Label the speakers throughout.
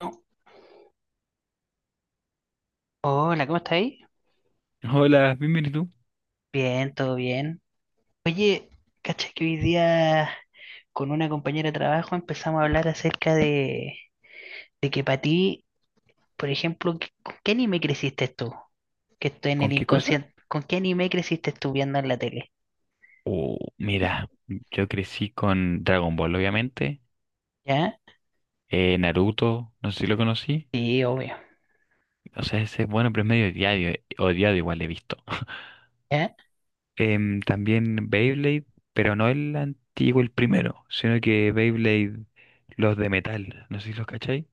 Speaker 1: Oh, hola, ¿cómo estáis?
Speaker 2: Hola, bienvenido.
Speaker 1: Bien, todo bien. Oye, cacha que hoy día con una compañera de trabajo empezamos a hablar acerca de que para ti, por ejemplo, ¿con qué anime creciste tú? Que estoy en
Speaker 2: ¿Con
Speaker 1: el
Speaker 2: qué cosa?
Speaker 1: inconsciente. ¿Con qué anime creciste tú viendo en la tele?
Speaker 2: Oh, mira, yo crecí con Dragon Ball, obviamente.
Speaker 1: ¿Ya?
Speaker 2: Naruto, no sé si lo conocí.
Speaker 1: Sí, obvio.
Speaker 2: O sea, ese es bueno, pero es medio odiado, odiado igual he visto.
Speaker 1: ¿Ya?
Speaker 2: También Beyblade, pero no el antiguo, el primero, sino que Beyblade, los de metal, no sé si los cachai.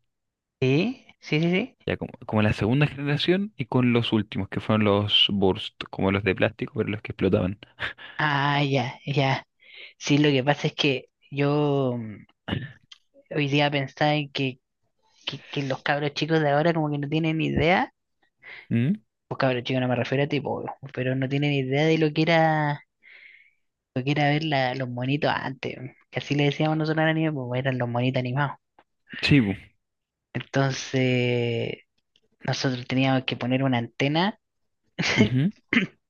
Speaker 1: Sí, sí, sí, sí.
Speaker 2: Ya como la segunda generación y con los últimos, que fueron los Burst, como los de plástico, pero los que explotaban.
Speaker 1: Ah, ya, ya. Sí, lo que pasa es que yo, hoy día pensaba en que los cabros chicos de ahora como que no tienen ni idea.
Speaker 2: ¿Mm?
Speaker 1: Pues cabros chicos, no me refiero a ti, po, weón, pero no tienen idea de lo que era ver los monitos antes, weón, que así le decíamos nosotros al anime, pues eran los monitos animados.
Speaker 2: Sí, bu.
Speaker 1: Entonces, nosotros teníamos que poner una antena,
Speaker 2: Ujú.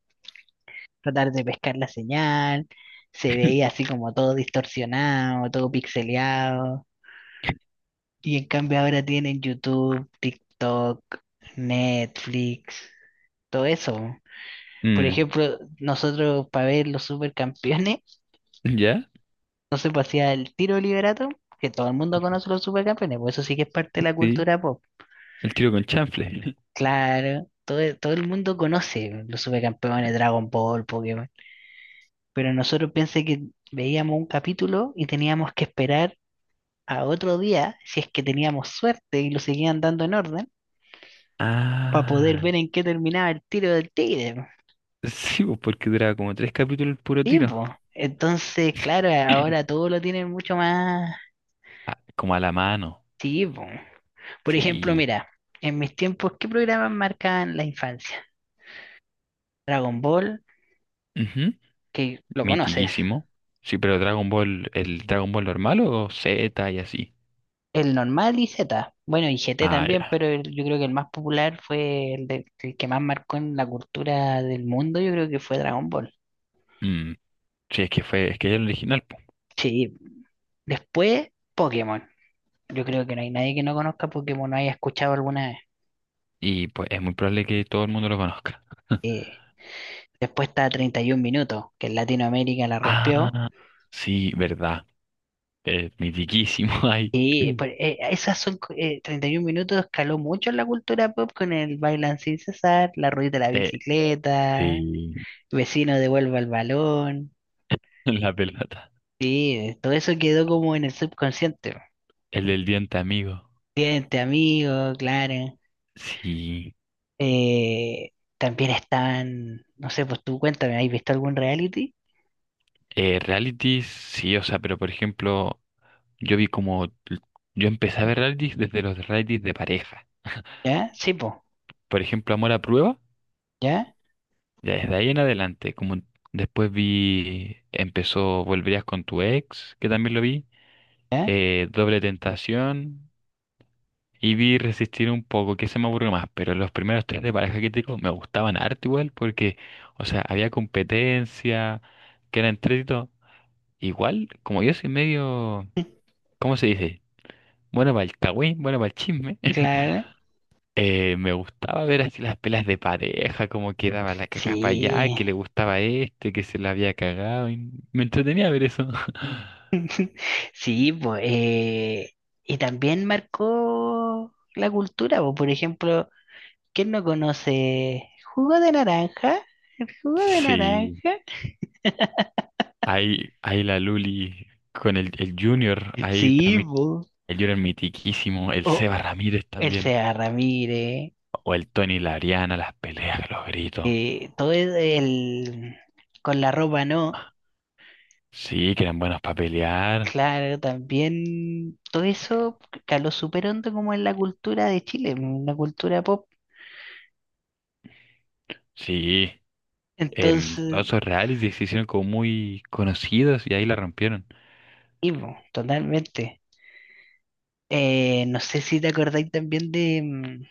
Speaker 1: tratar de pescar la señal, se veía así como todo distorsionado, todo pixeleado. Y en cambio ahora tienen YouTube, TikTok, Netflix, todo eso. Por
Speaker 2: Mm,
Speaker 1: ejemplo, nosotros para ver los supercampeones,
Speaker 2: ¿ya?
Speaker 1: entonces, pues hacía el tiro liberato, que todo el mundo conoce los supercampeones, pues eso sí que es parte de la
Speaker 2: Sí.
Speaker 1: cultura pop.
Speaker 2: El tiro con chanfle.
Speaker 1: Claro, todo, todo el mundo conoce los supercampeones, Dragon Ball, Pokémon. Pero nosotros pensé que veíamos un capítulo y teníamos que esperar a otro día, si es que teníamos suerte y lo seguían dando en orden, para poder
Speaker 2: Ah,
Speaker 1: ver en qué terminaba el tiro del tigre. Po.
Speaker 2: sí, pues, porque duraba como tres capítulos el puro
Speaker 1: Sí, po.
Speaker 2: tiro.
Speaker 1: Entonces, claro, ahora todo lo tienen mucho más.
Speaker 2: Ah, como a la mano.
Speaker 1: Sí, po. Por ejemplo,
Speaker 2: Sí.
Speaker 1: mira, en mis tiempos, ¿qué programas marcaban la infancia? Dragon Ball,
Speaker 2: Ujú.
Speaker 1: que lo conoces.
Speaker 2: Mitiquísimo. Sí, pero Dragon Ball, el Dragon Ball normal o Z y así.
Speaker 1: El normal y Z. Bueno, y GT
Speaker 2: Ah,
Speaker 1: también,
Speaker 2: ya.
Speaker 1: pero yo creo que el más popular fue el que más marcó en la cultura del mundo, yo creo que fue Dragon Ball.
Speaker 2: Mm, sí, es que es el original, po.
Speaker 1: Sí, después Pokémon. Yo creo que no hay nadie que no conozca Pokémon, no haya escuchado alguna vez.
Speaker 2: Y pues es muy probable que todo el mundo lo conozca.
Speaker 1: Eh, después está 31 minutos, que en Latinoamérica la rompió.
Speaker 2: Ah, sí, verdad. Mitiquísimo ahí.
Speaker 1: Y pues, 31 minutos, escaló mucho en la cultura pop con el Bailan sin cesar, la rueda de la
Speaker 2: Eh,
Speaker 1: bicicleta,
Speaker 2: sí,
Speaker 1: vecino devuelva el balón.
Speaker 2: la pelota.
Speaker 1: Sí, todo eso quedó como en el subconsciente, po.
Speaker 2: El del diente amigo.
Speaker 1: Cliente, amigo, claro.
Speaker 2: Sí.
Speaker 1: Eh, también estaban, no sé, pues tú cuéntame, ¿has visto algún reality?
Speaker 2: Realities, sí, o sea, pero por ejemplo, yo vi como, yo empecé a ver realities desde los realities de pareja.
Speaker 1: ¿Ya? Sí, pues.
Speaker 2: Por ejemplo, Amor a Prueba,
Speaker 1: ¿Ya?
Speaker 2: ya desde ahí en adelante, como después vi, empezó Volverías con tu ex, que también lo vi,
Speaker 1: ¿Ya?
Speaker 2: Doble Tentación, y vi Resistir un poco, que se me aburrió más, pero los primeros tres de pareja que te digo me gustaban harto igual, porque, o sea, había competencia, que era entretenido. Igual, como yo soy medio, ¿cómo se dice? Bueno, para el cagüín, bueno, para el chisme.
Speaker 1: Claro.
Speaker 2: Me gustaba ver así las pelas de pareja, cómo quedaba la caja para allá, que le
Speaker 1: Sí.
Speaker 2: gustaba a este, que se la había cagado, y me entretenía ver eso.
Speaker 1: Sí, pues, y también marcó la cultura, pues. Por ejemplo, ¿quién no conoce jugo de naranja? ¿El jugo de
Speaker 2: Sí,
Speaker 1: naranja?
Speaker 2: ahí la Luli con el Junior, ahí
Speaker 1: Sí,
Speaker 2: también
Speaker 1: pues.
Speaker 2: el Junior mitiquísimo, el
Speaker 1: O
Speaker 2: Seba Ramírez
Speaker 1: el
Speaker 2: también,
Speaker 1: Seba Ramírez,
Speaker 2: o el Tony y la Ariana, las peleas, los gritos.
Speaker 1: todo con la ropa, ¿no?
Speaker 2: Sí, que eran buenos para pelear.
Speaker 1: Claro, también todo eso caló súper hondo como en la cultura de Chile, en la cultura pop.
Speaker 2: Sí,
Speaker 1: Entonces,
Speaker 2: todos esos realities se hicieron como muy conocidos y ahí la rompieron.
Speaker 1: sí, po, totalmente. No sé si te acordáis también de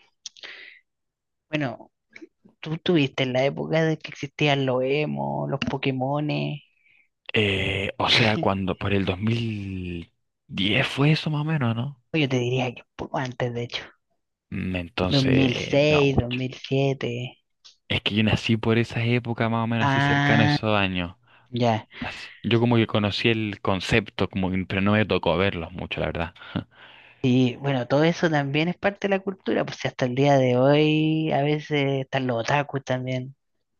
Speaker 1: bueno, tú tuviste en la época de que existían los emo, los Pokémones.
Speaker 2: O sea, cuando por el 2010 fue eso más o menos, ¿no?
Speaker 1: Yo te diría que un poco antes, de hecho. dos dos
Speaker 2: Entonces,
Speaker 1: mil
Speaker 2: no
Speaker 1: seis dos
Speaker 2: mucho.
Speaker 1: mil siete
Speaker 2: Es que yo nací por esas épocas más o menos así cercano a
Speaker 1: Ah,
Speaker 2: esos años.
Speaker 1: ya.
Speaker 2: Yo como que conocí el concepto, pero no me tocó verlos mucho, la verdad.
Speaker 1: Y bueno, todo eso también es parte de la cultura, pues si hasta el día de hoy a veces están los otakus también,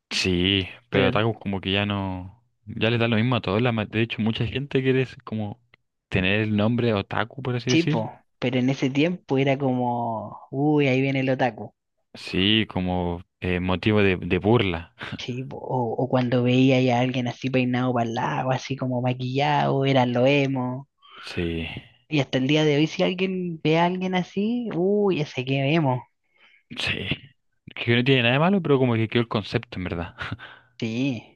Speaker 2: Sí, pero
Speaker 1: pero
Speaker 2: Otaku como que ya no, ya les da lo mismo a todos. De hecho, mucha gente quiere es como tener el nombre Otaku, por así decir.
Speaker 1: chipo, pero en ese tiempo era como, uy, ahí viene el otaku,
Speaker 2: Sí, como motivo de burla.
Speaker 1: chipo, o cuando veía ya a alguien así peinado para el lado, así como maquillado, eran los emo,
Speaker 2: Sí.
Speaker 1: y hasta el día de hoy si alguien ve a alguien así, uy, ese que emo.
Speaker 2: Sí, que no tiene nada de malo, pero como que quedó el concepto, en verdad.
Speaker 1: Sí,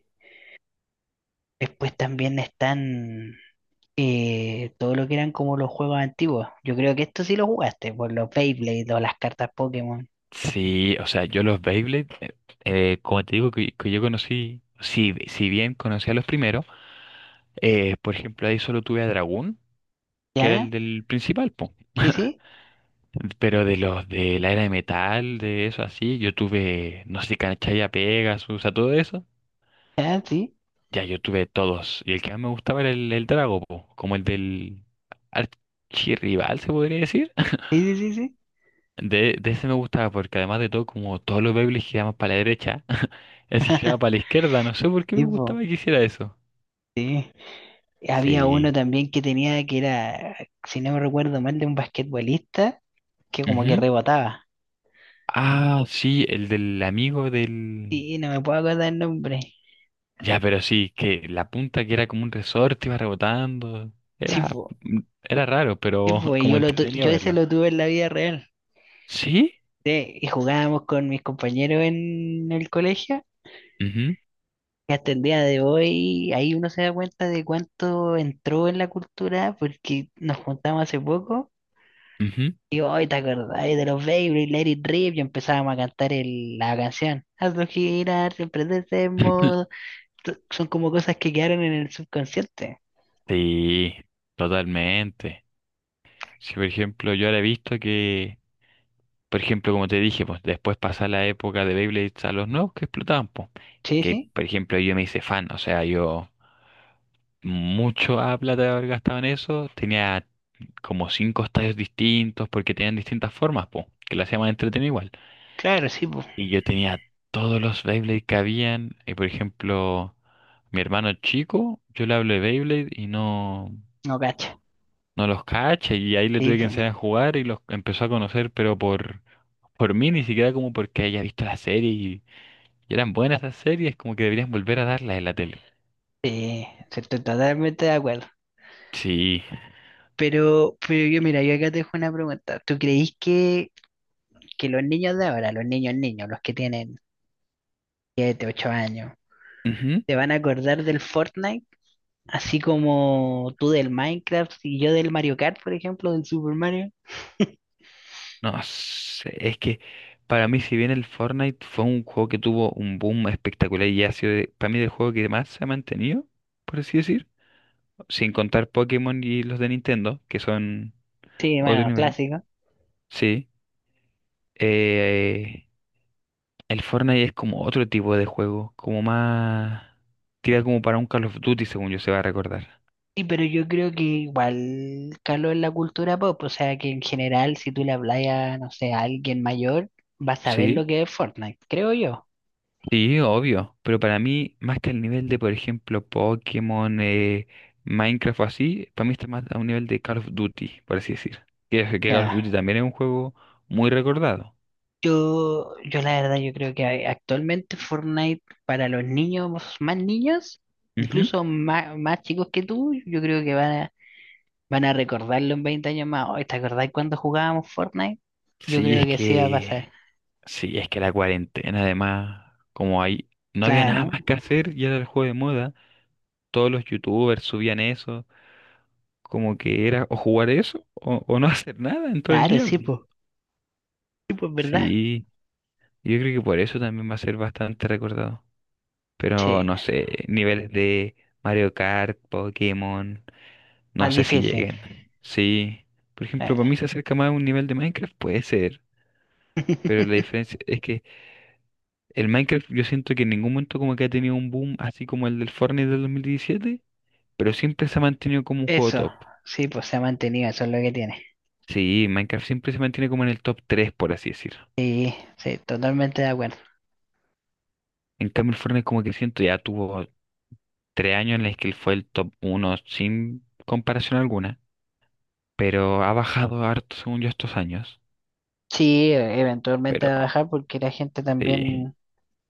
Speaker 1: después también están... todo lo que eran como los juegos antiguos. Yo creo que esto sí lo jugaste, por los Beyblade o las cartas Pokémon.
Speaker 2: Sí, o sea, yo los Beyblade, como te digo, que yo conocí, si bien conocí a los primeros, por ejemplo, ahí solo tuve a Dragón, que era el
Speaker 1: ¿Ya?
Speaker 2: del principal, po.
Speaker 1: Sí, sí,
Speaker 2: Pero de los de la era de metal, de eso así, yo tuve, no sé, Canchaya Pegasus, o sea, todo eso.
Speaker 1: ya, sí,
Speaker 2: Ya yo tuve todos. Y el que más me gustaba era el Drago, po, como el del archirrival, se podría decir.
Speaker 1: sí, sí, sí, sí.
Speaker 2: De ese me gustaba porque además de todo, como todos los Beyblades giraban para la derecha, ese giraba para la izquierda. No sé por qué me
Speaker 1: Sí,
Speaker 2: gustaba
Speaker 1: po,
Speaker 2: que hiciera eso.
Speaker 1: sí. Había uno
Speaker 2: Sí.
Speaker 1: también que tenía que era, si no me recuerdo mal, de un basquetbolista que como que
Speaker 2: Ujú.
Speaker 1: rebotaba.
Speaker 2: Ah, sí, el del amigo del...
Speaker 1: Sí, no me puedo acordar el nombre.
Speaker 2: Ya, pero sí, que la punta que era como un resorte iba rebotando.
Speaker 1: Sí,
Speaker 2: Era,
Speaker 1: po,
Speaker 2: mm, era raro,
Speaker 1: sí,
Speaker 2: pero
Speaker 1: po, y
Speaker 2: como entretenido
Speaker 1: yo ese
Speaker 2: verlo.
Speaker 1: lo tuve en la vida real.
Speaker 2: ¿Sí?
Speaker 1: Sí, y jugábamos con mis compañeros en el colegio,
Speaker 2: Ujú,
Speaker 1: que hasta el día de hoy ahí uno se da cuenta de cuánto entró en la cultura porque nos juntamos hace poco
Speaker 2: ujú.
Speaker 1: y hoy te acordás de los Baby, Let It Rip y empezábamos a cantar la canción. Hazlo girar, siempre de ese modo. Son como cosas que quedaron en el subconsciente.
Speaker 2: Sí, totalmente. Si por ejemplo yo ahora he visto que, por ejemplo, como te dije, pues después pasa la época de Beyblades a los nuevos que explotaban, pues.
Speaker 1: Sí,
Speaker 2: Que,
Speaker 1: sí,
Speaker 2: por ejemplo, yo me hice fan, o sea, yo mucho a plata de haber gastado en eso, tenía como cinco estadios distintos porque tenían distintas formas, pues, que las hacían más entretenido igual.
Speaker 1: claro, sí, pues,
Speaker 2: Y yo tenía todos los Beyblade que habían, y por ejemplo, mi hermano chico, yo le hablo de Beyblade y no,
Speaker 1: no cacho.
Speaker 2: no los cacha, y ahí le
Speaker 1: Sí,
Speaker 2: tuve que
Speaker 1: pues,
Speaker 2: enseñar a jugar y los empezó a conocer, pero por mí, ni siquiera como porque haya visto la serie. Y eran buenas esas series, como que deberían volver a darlas en la tele.
Speaker 1: sí, sí, estoy totalmente de acuerdo.
Speaker 2: Sí.
Speaker 1: Pero yo, mira, yo acá te dejo una pregunta. ¿Tú creís que los niños de ahora, los niños niños, los que tienen 7 u 8 años,
Speaker 2: Ujú.
Speaker 1: te van a acordar del Fortnite, así como tú del Minecraft y yo del Mario Kart, por ejemplo, del Super Mario?
Speaker 2: No sé, es que para mí, si bien el Fortnite fue un juego que tuvo un boom espectacular y ha sido para mí el juego que más se ha mantenido, por así decir, sin contar Pokémon y los de Nintendo, que son
Speaker 1: Sí,
Speaker 2: otro
Speaker 1: bueno,
Speaker 2: nivel.
Speaker 1: clásico.
Speaker 2: Sí. Eh, el Fortnite es como otro tipo de juego, como más. Tira como para un Call of Duty, según yo se va a recordar.
Speaker 1: Sí, pero yo creo que igual caló en la cultura pop, o sea que en general si tú le hablas a, no sé, a alguien mayor, va a saber
Speaker 2: Sí.
Speaker 1: lo que es Fortnite, creo yo.
Speaker 2: Sí, obvio, pero para mí, más que el nivel de, por ejemplo, Pokémon, Minecraft o así, para mí está más a un nivel de Call of Duty, por así decir. Que Call of
Speaker 1: Ya.
Speaker 2: Duty también es un juego muy recordado.
Speaker 1: Yo la verdad, yo creo que actualmente Fortnite para los niños más niños,
Speaker 2: Ujú.
Speaker 1: incluso más chicos que tú, yo creo que van a recordarlo en 20 años más. Oye, ¿te acordás cuando jugábamos Fortnite? Yo
Speaker 2: Sí,
Speaker 1: creo
Speaker 2: es
Speaker 1: que sí va a
Speaker 2: que,
Speaker 1: pasar.
Speaker 2: sí, es que la cuarentena, además, como ahí no había nada
Speaker 1: Claro,
Speaker 2: más que hacer y era el juego de moda, todos los youtubers subían eso, como que era o jugar eso o no hacer nada en todo el
Speaker 1: claro,
Speaker 2: día.
Speaker 1: sí, pues. Sí, pues, ¿verdad?
Speaker 2: Sí, yo creo que por eso también va a ser bastante recordado. Pero
Speaker 1: Sí,
Speaker 2: no sé, niveles de Mario Kart, Pokémon, no
Speaker 1: más
Speaker 2: sé si
Speaker 1: difícil.
Speaker 2: lleguen. Sí, por ejemplo,
Speaker 1: Eh.
Speaker 2: para mí se acerca más a un nivel de Minecraft, puede ser. Pero la diferencia es que el Minecraft yo siento que en ningún momento como que ha tenido un boom así como el del Fortnite del 2017, pero siempre se ha mantenido como un juego
Speaker 1: Eso,
Speaker 2: top.
Speaker 1: sí, pues se ha mantenido, eso es lo que tiene.
Speaker 2: Sí, Minecraft siempre se mantiene como en el top 3 por así decir.
Speaker 1: Sí, sí, totalmente de acuerdo.
Speaker 2: En cambio, el Fortnite como que siento ya tuvo 3 años en los que él fue el top uno sin comparación alguna, pero ha bajado harto según yo estos años.
Speaker 1: Sí, eventualmente
Speaker 2: Pero
Speaker 1: va a bajar porque la gente
Speaker 2: sí,
Speaker 1: también,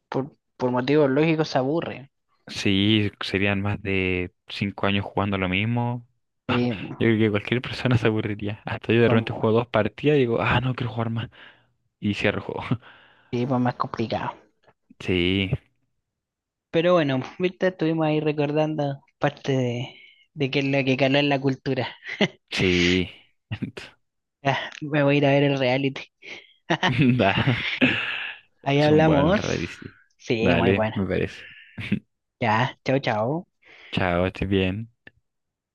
Speaker 1: por motivos lógicos, se aburre.
Speaker 2: sí, serían más de 5 años jugando lo mismo. Yo
Speaker 1: Sí,
Speaker 2: creo que cualquier persona se aburriría. Hasta yo de repente
Speaker 1: como,
Speaker 2: juego dos partidas y digo, ah, no quiero jugar más. Y cierro el juego.
Speaker 1: sí, pues más complicado.
Speaker 2: Sí,
Speaker 1: Pero bueno, Víctor, estuvimos ahí recordando parte de qué es lo que caló en la cultura.
Speaker 2: sí.
Speaker 1: Ya, me voy a ir a ver el reality.
Speaker 2: Da,
Speaker 1: Ahí
Speaker 2: son buenos los
Speaker 1: hablamos.
Speaker 2: raids, sí.
Speaker 1: Sí, muy
Speaker 2: Dale,
Speaker 1: bueno.
Speaker 2: me parece.
Speaker 1: Ya, chao, chao.
Speaker 2: Chao, estés bien.